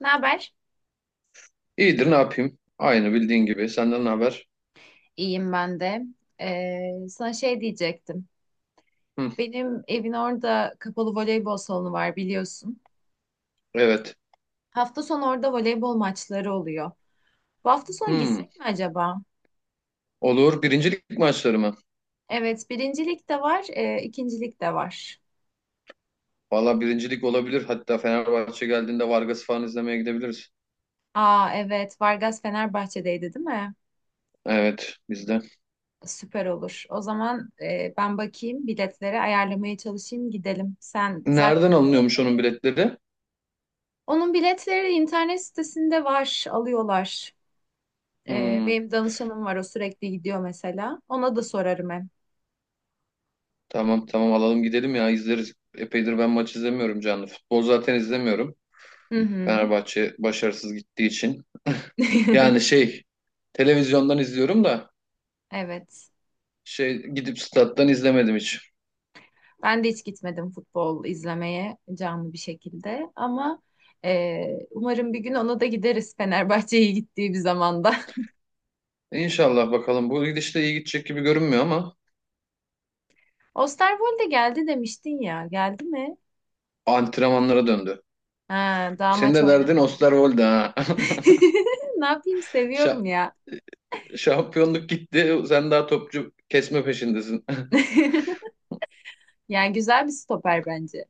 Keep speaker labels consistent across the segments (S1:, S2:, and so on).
S1: Ne haber?
S2: İyidir ne yapayım? Aynı bildiğin gibi. Senden ne haber?
S1: İyiyim ben de. Sana şey diyecektim.
S2: Hı,
S1: Benim evin orada kapalı voleybol salonu var biliyorsun.
S2: evet.
S1: Hafta sonu orada voleybol maçları oluyor. Bu hafta sonu
S2: Hı,
S1: gitsek mi acaba?
S2: olur. Birincilik maçları mı?
S1: Evet, birincilik de var, ikincilik de var.
S2: Valla birincilik olabilir. Hatta Fenerbahçe geldiğinde Vargas falan izlemeye gidebiliriz.
S1: Aa evet, Vargas Fenerbahçe'deydi değil mi?
S2: Evet biz de.
S1: Süper olur. O zaman ben bakayım biletleri ayarlamaya çalışayım gidelim. Sen
S2: Nereden
S1: zaten
S2: alınıyormuş onun biletleri?
S1: onun biletleri internet sitesinde var, alıyorlar.
S2: Hı,
S1: Benim danışanım var o sürekli gidiyor mesela. Ona da sorarım hem.
S2: tamam tamam alalım gidelim ya izleriz. Epeydir ben maç izlemiyorum canlı. Futbol zaten izlemiyorum.
S1: Hı hı.
S2: Fenerbahçe başarısız gittiği için. Yani şey televizyondan izliyorum da
S1: Evet.
S2: şey gidip stat'tan izlemedim hiç.
S1: Ben de hiç gitmedim futbol izlemeye canlı bir şekilde ama e, umarım bir gün ona da gideriz Fenerbahçe'ye gittiği bir zamanda.
S2: İnşallah bakalım. Bu gidişle iyi gidecek gibi görünmüyor ama.
S1: Osterwolde geldi demiştin ya. Geldi mi?
S2: Antrenmanlara döndü.
S1: Ha, daha
S2: Senin
S1: maç
S2: de derdin
S1: oynamadı.
S2: Osterwolde ha.
S1: Ne yapayım
S2: Şa-
S1: seviyorum ya.
S2: Şampiyonluk gitti. Sen daha topçu kesme peşindesin.
S1: Yani güzel bir stoper bence.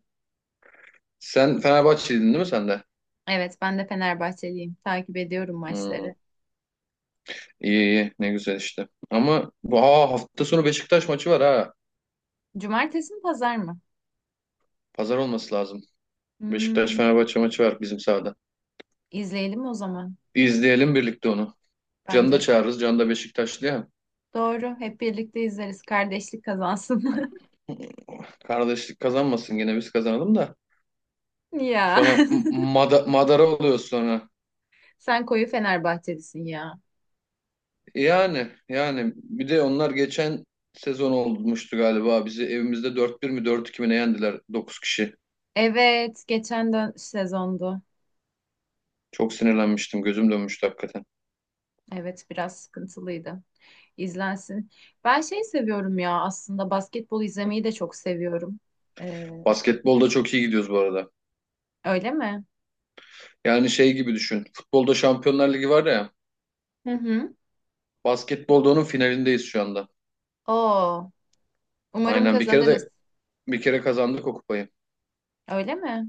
S2: Sen Fenerbahçeliydin değil mi sen de?
S1: Evet ben de Fenerbahçeliyim. Takip ediyorum
S2: Hmm,
S1: maçları.
S2: iyi iyi ne güzel işte. Ama bu hafta sonu Beşiktaş maçı var ha.
S1: Cumartesi mi pazar mı?
S2: Pazar olması lazım. Beşiktaş
S1: Hmm,
S2: Fenerbahçe maçı var bizim sahada.
S1: izleyelim o zaman.
S2: İzleyelim birlikte onu. Can'ı da
S1: Bence de.
S2: çağırırız. Can da Beşiktaşlı ya.
S1: Doğru. Hep birlikte izleriz. Kardeşlik kazansın.
S2: Kardeşlik kazanmasın yine biz kazanalım da.
S1: Ya.
S2: Sonra madara oluyoruz sonra.
S1: Sen koyu Fenerbahçelisin ya.
S2: Yani bir de onlar geçen sezon olmuştu galiba. Bizi evimizde 4-1 mi 4-2 mi ne yendiler 9 kişi.
S1: Evet. Geçen dön sezondu.
S2: Çok sinirlenmiştim. Gözüm dönmüştü hakikaten.
S1: Evet. Biraz sıkıntılıydı. İzlensin. Ben şey seviyorum ya aslında basketbol izlemeyi de çok seviyorum. Ee,
S2: Basketbolda çok iyi gidiyoruz bu arada.
S1: Öyle mi?
S2: Yani şey gibi düşün. Futbolda Şampiyonlar Ligi var ya.
S1: Hı hı.
S2: Basketbolda onun finalindeyiz şu anda.
S1: Oo. Umarım
S2: Aynen bir kere
S1: kazanırız.
S2: de bir kere kazandık o kupayı.
S1: Öyle mi?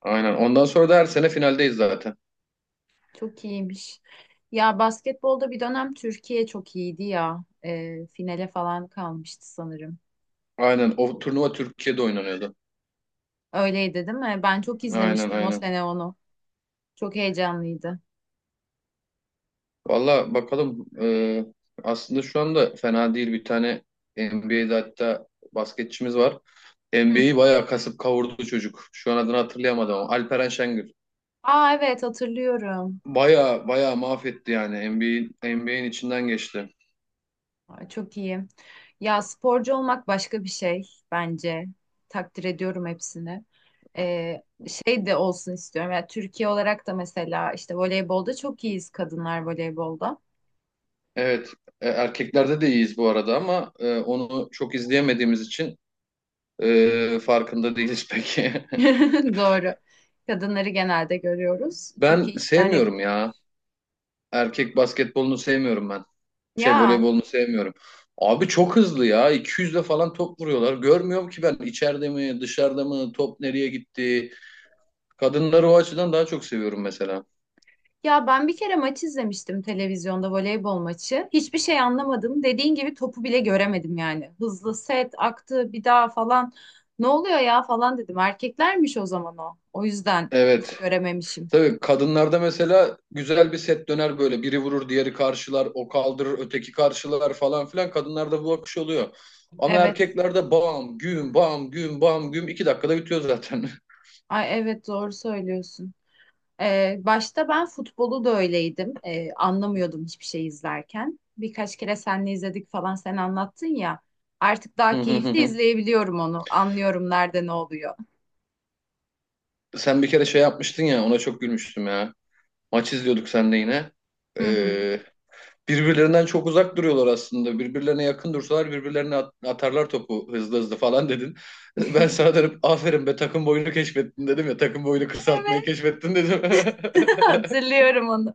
S2: Aynen. Ondan sonra da her sene finaldeyiz zaten.
S1: Çok iyiymiş. Ya basketbolda bir dönem Türkiye çok iyiydi ya. Finale falan kalmıştı sanırım.
S2: Aynen. O turnuva Türkiye'de oynanıyordu.
S1: Öyleydi değil mi? Ben çok
S2: Aynen
S1: izlemiştim o
S2: aynen.
S1: sene onu. Çok heyecanlıydı.
S2: Valla bakalım. Aslında şu anda fena değil bir tane NBA'de hatta basketçimiz var.
S1: Hı hı.
S2: NBA'yi bayağı kasıp kavurdu çocuk. Şu an adını hatırlayamadım ama Alperen Şengül.
S1: Aa evet hatırlıyorum.
S2: Bayağı bayağı mahvetti yani NBA'in içinden geçti.
S1: Aa, çok iyi. Ya sporcu olmak başka bir şey bence. Takdir ediyorum hepsini. Ee, Şey de olsun istiyorum. Yani Türkiye olarak da mesela işte voleybolda çok iyiyiz kadınlar voleybolda.
S2: Evet erkeklerde de iyiyiz bu arada ama onu çok izleyemediğimiz için farkında değiliz peki.
S1: Doğru. Kadınları genelde görüyoruz. Çok
S2: Ben
S1: iyi işler
S2: sevmiyorum
S1: yapıyorlar.
S2: ya. Erkek basketbolunu sevmiyorum ben. Şey
S1: Ya
S2: voleybolunu sevmiyorum. Abi çok hızlı ya. 200'le falan top vuruyorlar. Görmüyorum ki ben içeride mi, dışarıda mı, top nereye gitti. Kadınları o açıdan daha çok seviyorum mesela.
S1: ya ben bir kere maç izlemiştim televizyonda voleybol maçı. Hiçbir şey anlamadım. Dediğin gibi topu bile göremedim yani. Hızlı set aktı bir daha falan. Ne oluyor ya falan dedim. Erkeklermiş o zaman o. O yüzden hiç
S2: Evet.
S1: görememişim.
S2: Tabii kadınlarda mesela güzel bir set döner böyle. Biri vurur, diğeri karşılar, o kaldırır, öteki karşılar falan filan. Kadınlarda bu akış oluyor. Ama
S1: Evet.
S2: erkeklerde bam, güm, bam, güm, bam, güm. 2 dakikada bitiyor zaten.
S1: Ay evet doğru söylüyorsun. Başta ben futbolu da öyleydim. Anlamıyordum hiçbir şey izlerken. Birkaç kere seninle izledik falan sen anlattın ya. Artık
S2: Hı
S1: daha
S2: hı hı
S1: keyifli
S2: hı.
S1: izleyebiliyorum onu. Anlıyorum nerede ne oluyor.
S2: Sen bir kere şey yapmıştın ya, ona çok gülmüştüm ya. Maç izliyorduk seninle yine.
S1: Hı hı.
S2: Ee, Birbirlerinden çok uzak duruyorlar aslında. Birbirlerine yakın dursalar birbirlerine atarlar topu hızlı hızlı falan dedin. Ben sana dönüp aferin be takım boyunu keşfettin dedim ya. Takım boyunu kısaltmayı
S1: Evet,
S2: keşfettin dedim.
S1: hatırlıyorum onu.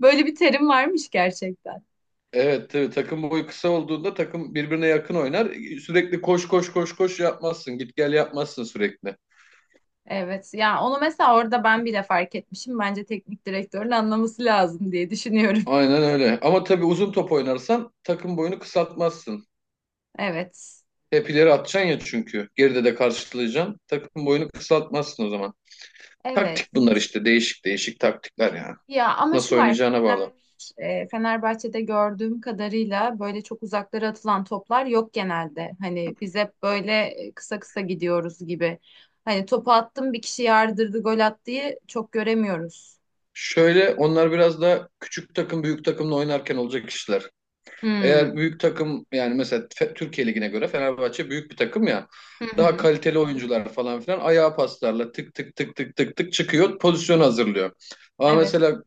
S1: Böyle bir terim varmış gerçekten.
S2: Evet tabii takım boyu kısa olduğunda takım birbirine yakın oynar. Sürekli koş koş koş koş yapmazsın. Git gel yapmazsın sürekli.
S1: Evet, yani onu mesela orada ben bile fark etmişim. Bence teknik direktörün anlaması lazım diye düşünüyorum.
S2: Aynen öyle. Ama tabii uzun top oynarsan takım boyunu kısaltmazsın.
S1: Evet,
S2: Hep ileri atacaksın ya çünkü. Geride de karşılayacaksın. Takım boyunu kısaltmazsın o zaman.
S1: evet.
S2: Taktik bunlar işte değişik değişik taktikler yani.
S1: Ya ama
S2: Nasıl
S1: şu var
S2: oynayacağına bağlı.
S1: Fenerbahçe'de gördüğüm kadarıyla böyle çok uzaklara atılan toplar yok genelde. Hani biz hep böyle kısa kısa gidiyoruz gibi. Hani topu attım bir kişi yardırdı gol attı diye çok göremiyoruz.
S2: Şöyle onlar biraz da küçük takım büyük takımla oynarken olacak işler. Eğer
S1: Hmm.
S2: büyük takım yani mesela Türkiye Ligi'ne göre Fenerbahçe büyük bir takım ya.
S1: Hı
S2: Daha
S1: hı.
S2: kaliteli oyuncular falan filan ayağa paslarla tık tık tık tık tık tık çıkıyor pozisyon hazırlıyor. Ama
S1: Evet.
S2: mesela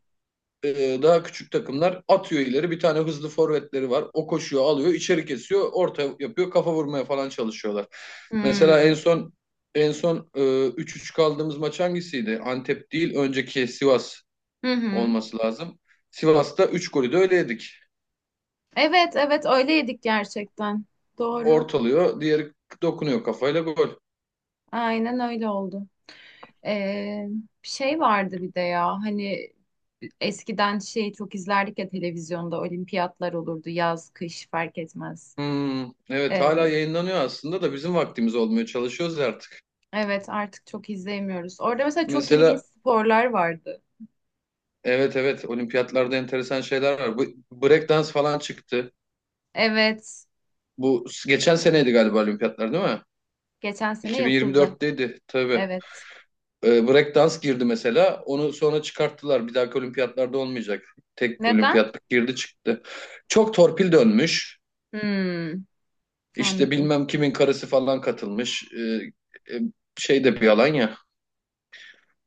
S2: daha küçük takımlar atıyor ileri. Bir tane hızlı forvetleri var. O koşuyor, alıyor, içeri kesiyor, orta yapıyor, kafa vurmaya falan çalışıyorlar. Mesela en
S1: Hmm.
S2: son en son 3-3 kaldığımız maç hangisiydi? Antep değil, önceki Sivas
S1: Hı hı.
S2: olması lazım. Sivas'ta 3 golü de öyle yedik.
S1: Evet evet öyle yedik gerçekten. Doğru.
S2: Ortalıyor, diğeri dokunuyor kafayla gol.
S1: Aynen öyle oldu. Ee, Şey vardı bir de ya hani eskiden şey çok izlerdik ya televizyonda olimpiyatlar olurdu yaz kış fark etmez.
S2: Hmm, evet
S1: Ee,
S2: hala yayınlanıyor aslında da bizim vaktimiz olmuyor. Çalışıyoruz artık.
S1: evet artık çok izleyemiyoruz. Orada mesela çok ilginç
S2: Mesela
S1: sporlar vardı.
S2: evet evet olimpiyatlarda enteresan şeyler var. Bu breakdance falan çıktı.
S1: Evet
S2: Bu geçen seneydi galiba olimpiyatlar değil mi?
S1: geçen sene yapıldı.
S2: 2024'teydi tabii.
S1: Evet.
S2: Breakdance girdi mesela. Onu sonra çıkarttılar. Bir dahaki olimpiyatlarda olmayacak. Tek
S1: Neden?
S2: olimpiyatlık girdi çıktı. Çok torpil dönmüş.
S1: Hmm,
S2: İşte
S1: anladım.
S2: bilmem kimin karısı falan katılmış. Şey de bir yalan ya.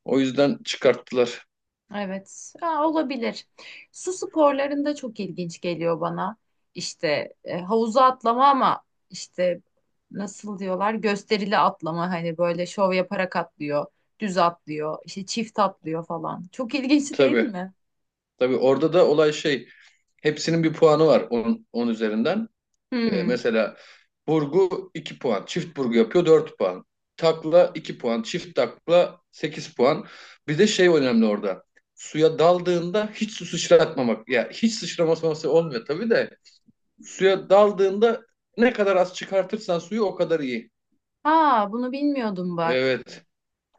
S2: O yüzden çıkarttılar.
S1: Evet, Aa, olabilir. Su sporlarında çok ilginç geliyor bana. İşte havuza atlama ama işte nasıl diyorlar gösterili atlama hani böyle şov yaparak atlıyor, düz atlıyor, işte çift atlıyor falan. Çok ilginç değil
S2: Tabii.
S1: mi?
S2: Tabii orada da olay şey. Hepsinin bir puanı var 10 üzerinden 10.
S1: Hmm.
S2: Mesela burgu 2 puan, çift burgu yapıyor 4 puan. Takla 2 puan, çift takla 8 puan. Bir de şey önemli orada. Suya daldığında hiç su sıçratmamak. Ya hiç sıçraması olmuyor tabii de. Suya daldığında ne kadar az çıkartırsan suyu o kadar iyi.
S1: Aa, bunu bilmiyordum bak.
S2: Evet.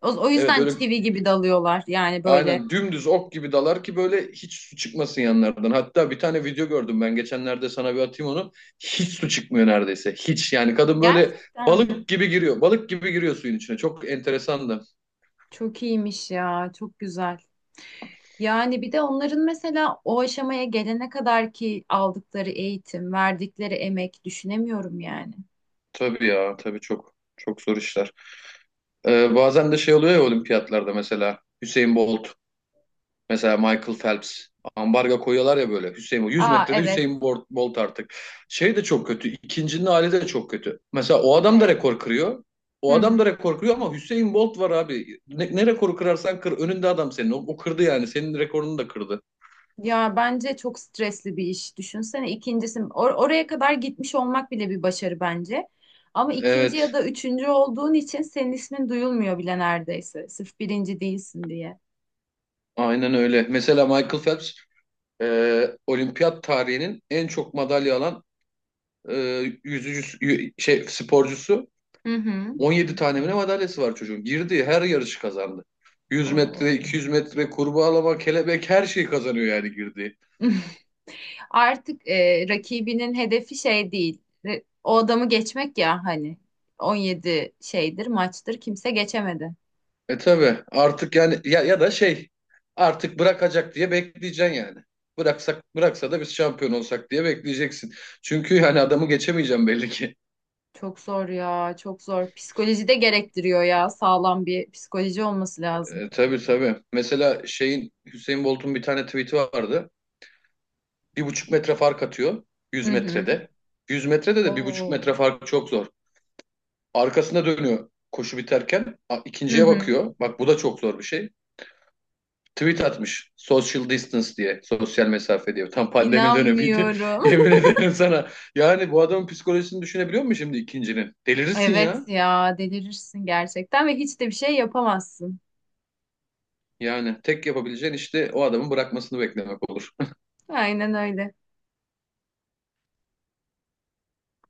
S1: O
S2: Evet
S1: yüzden
S2: öyle.
S1: çivi gibi dalıyorlar yani böyle.
S2: Aynen dümdüz ok gibi dalar ki böyle hiç su çıkmasın yanlardan. Hatta bir tane video gördüm ben geçenlerde sana bir atayım onu. Hiç su çıkmıyor neredeyse. Hiç yani kadın böyle
S1: Gerçekten mi?
S2: balık gibi giriyor. Balık gibi giriyor suyun içine. Çok enteresan da.
S1: Çok iyiymiş ya, çok güzel. Yani bir de onların mesela o aşamaya gelene kadar ki aldıkları eğitim, verdikleri emek düşünemiyorum yani.
S2: Tabii ya tabii çok çok zor işler. Bazen de şey oluyor ya olimpiyatlarda mesela Hüseyin Bolt. Mesela Michael Phelps ambarga koyuyorlar ya böyle Hüseyin Bolt. 100
S1: Aa
S2: metrede
S1: evet.
S2: Hüseyin Bolt, Bolt artık. Şey de çok kötü. İkincinin hali de çok kötü. Mesela o adam da
S1: Evet.
S2: rekor kırıyor.
S1: Hı
S2: O adam
S1: hı.
S2: da rekor kırıyor ama Hüseyin Bolt var abi. Ne rekoru kırarsan kır. Önünde adam senin. O kırdı yani. Senin rekorunu da kırdı.
S1: Ya bence çok stresli bir iş. Düşünsene ikincisi oraya kadar gitmiş olmak bile bir başarı bence. Ama ikinci ya
S2: Evet.
S1: da üçüncü olduğun için senin ismin duyulmuyor bile neredeyse. Sırf birinci değilsin diye.
S2: Aynen öyle. Mesela Michael Phelps olimpiyat tarihinin en çok madalya alan e, yüzücü şey sporcusu
S1: Hı hı.
S2: 17 tane mi madalyası var çocuğun. Girdiği her yarışı kazandı. 100 metre,
S1: Oo.
S2: 200 metre, kurbağalama, kelebek her şeyi kazanıyor yani girdiği.
S1: Artık rakibinin hedefi şey değil. O adamı geçmek ya hani 17 şeydir maçtır kimse geçemedi.
S2: E tabi artık yani ya, ya da şey artık bırakacak diye bekleyeceksin yani. Bıraksa da biz şampiyon olsak diye bekleyeceksin. Çünkü hani adamı geçemeyeceğim belli ki.
S1: Çok zor ya, çok zor. Psikoloji de gerektiriyor ya. Sağlam bir psikoloji olması lazım.
S2: Tabii tabii. Mesela şeyin Hüseyin Bolt'un bir tane tweet'i vardı. 1,5 metre fark atıyor
S1: Hı
S2: 100
S1: hı.
S2: metrede. 100 metrede de bir buçuk
S1: Oo.
S2: metre fark çok zor. Arkasına dönüyor koşu biterken.
S1: Hı
S2: İkinciye
S1: hı.
S2: bakıyor. Bak bu da çok zor bir şey. Tweet atmış. Social distance diye. Sosyal mesafe diye. Tam pandemi dönemiydi.
S1: İnanmıyorum.
S2: Yemin ederim sana. Yani bu adamın psikolojisini düşünebiliyor musun şimdi ikincinin? Delirirsin
S1: Evet
S2: ya.
S1: ya, delirirsin gerçekten ve hiç de bir şey yapamazsın.
S2: Yani tek yapabileceğin işte o adamın bırakmasını beklemek olur.
S1: Aynen öyle.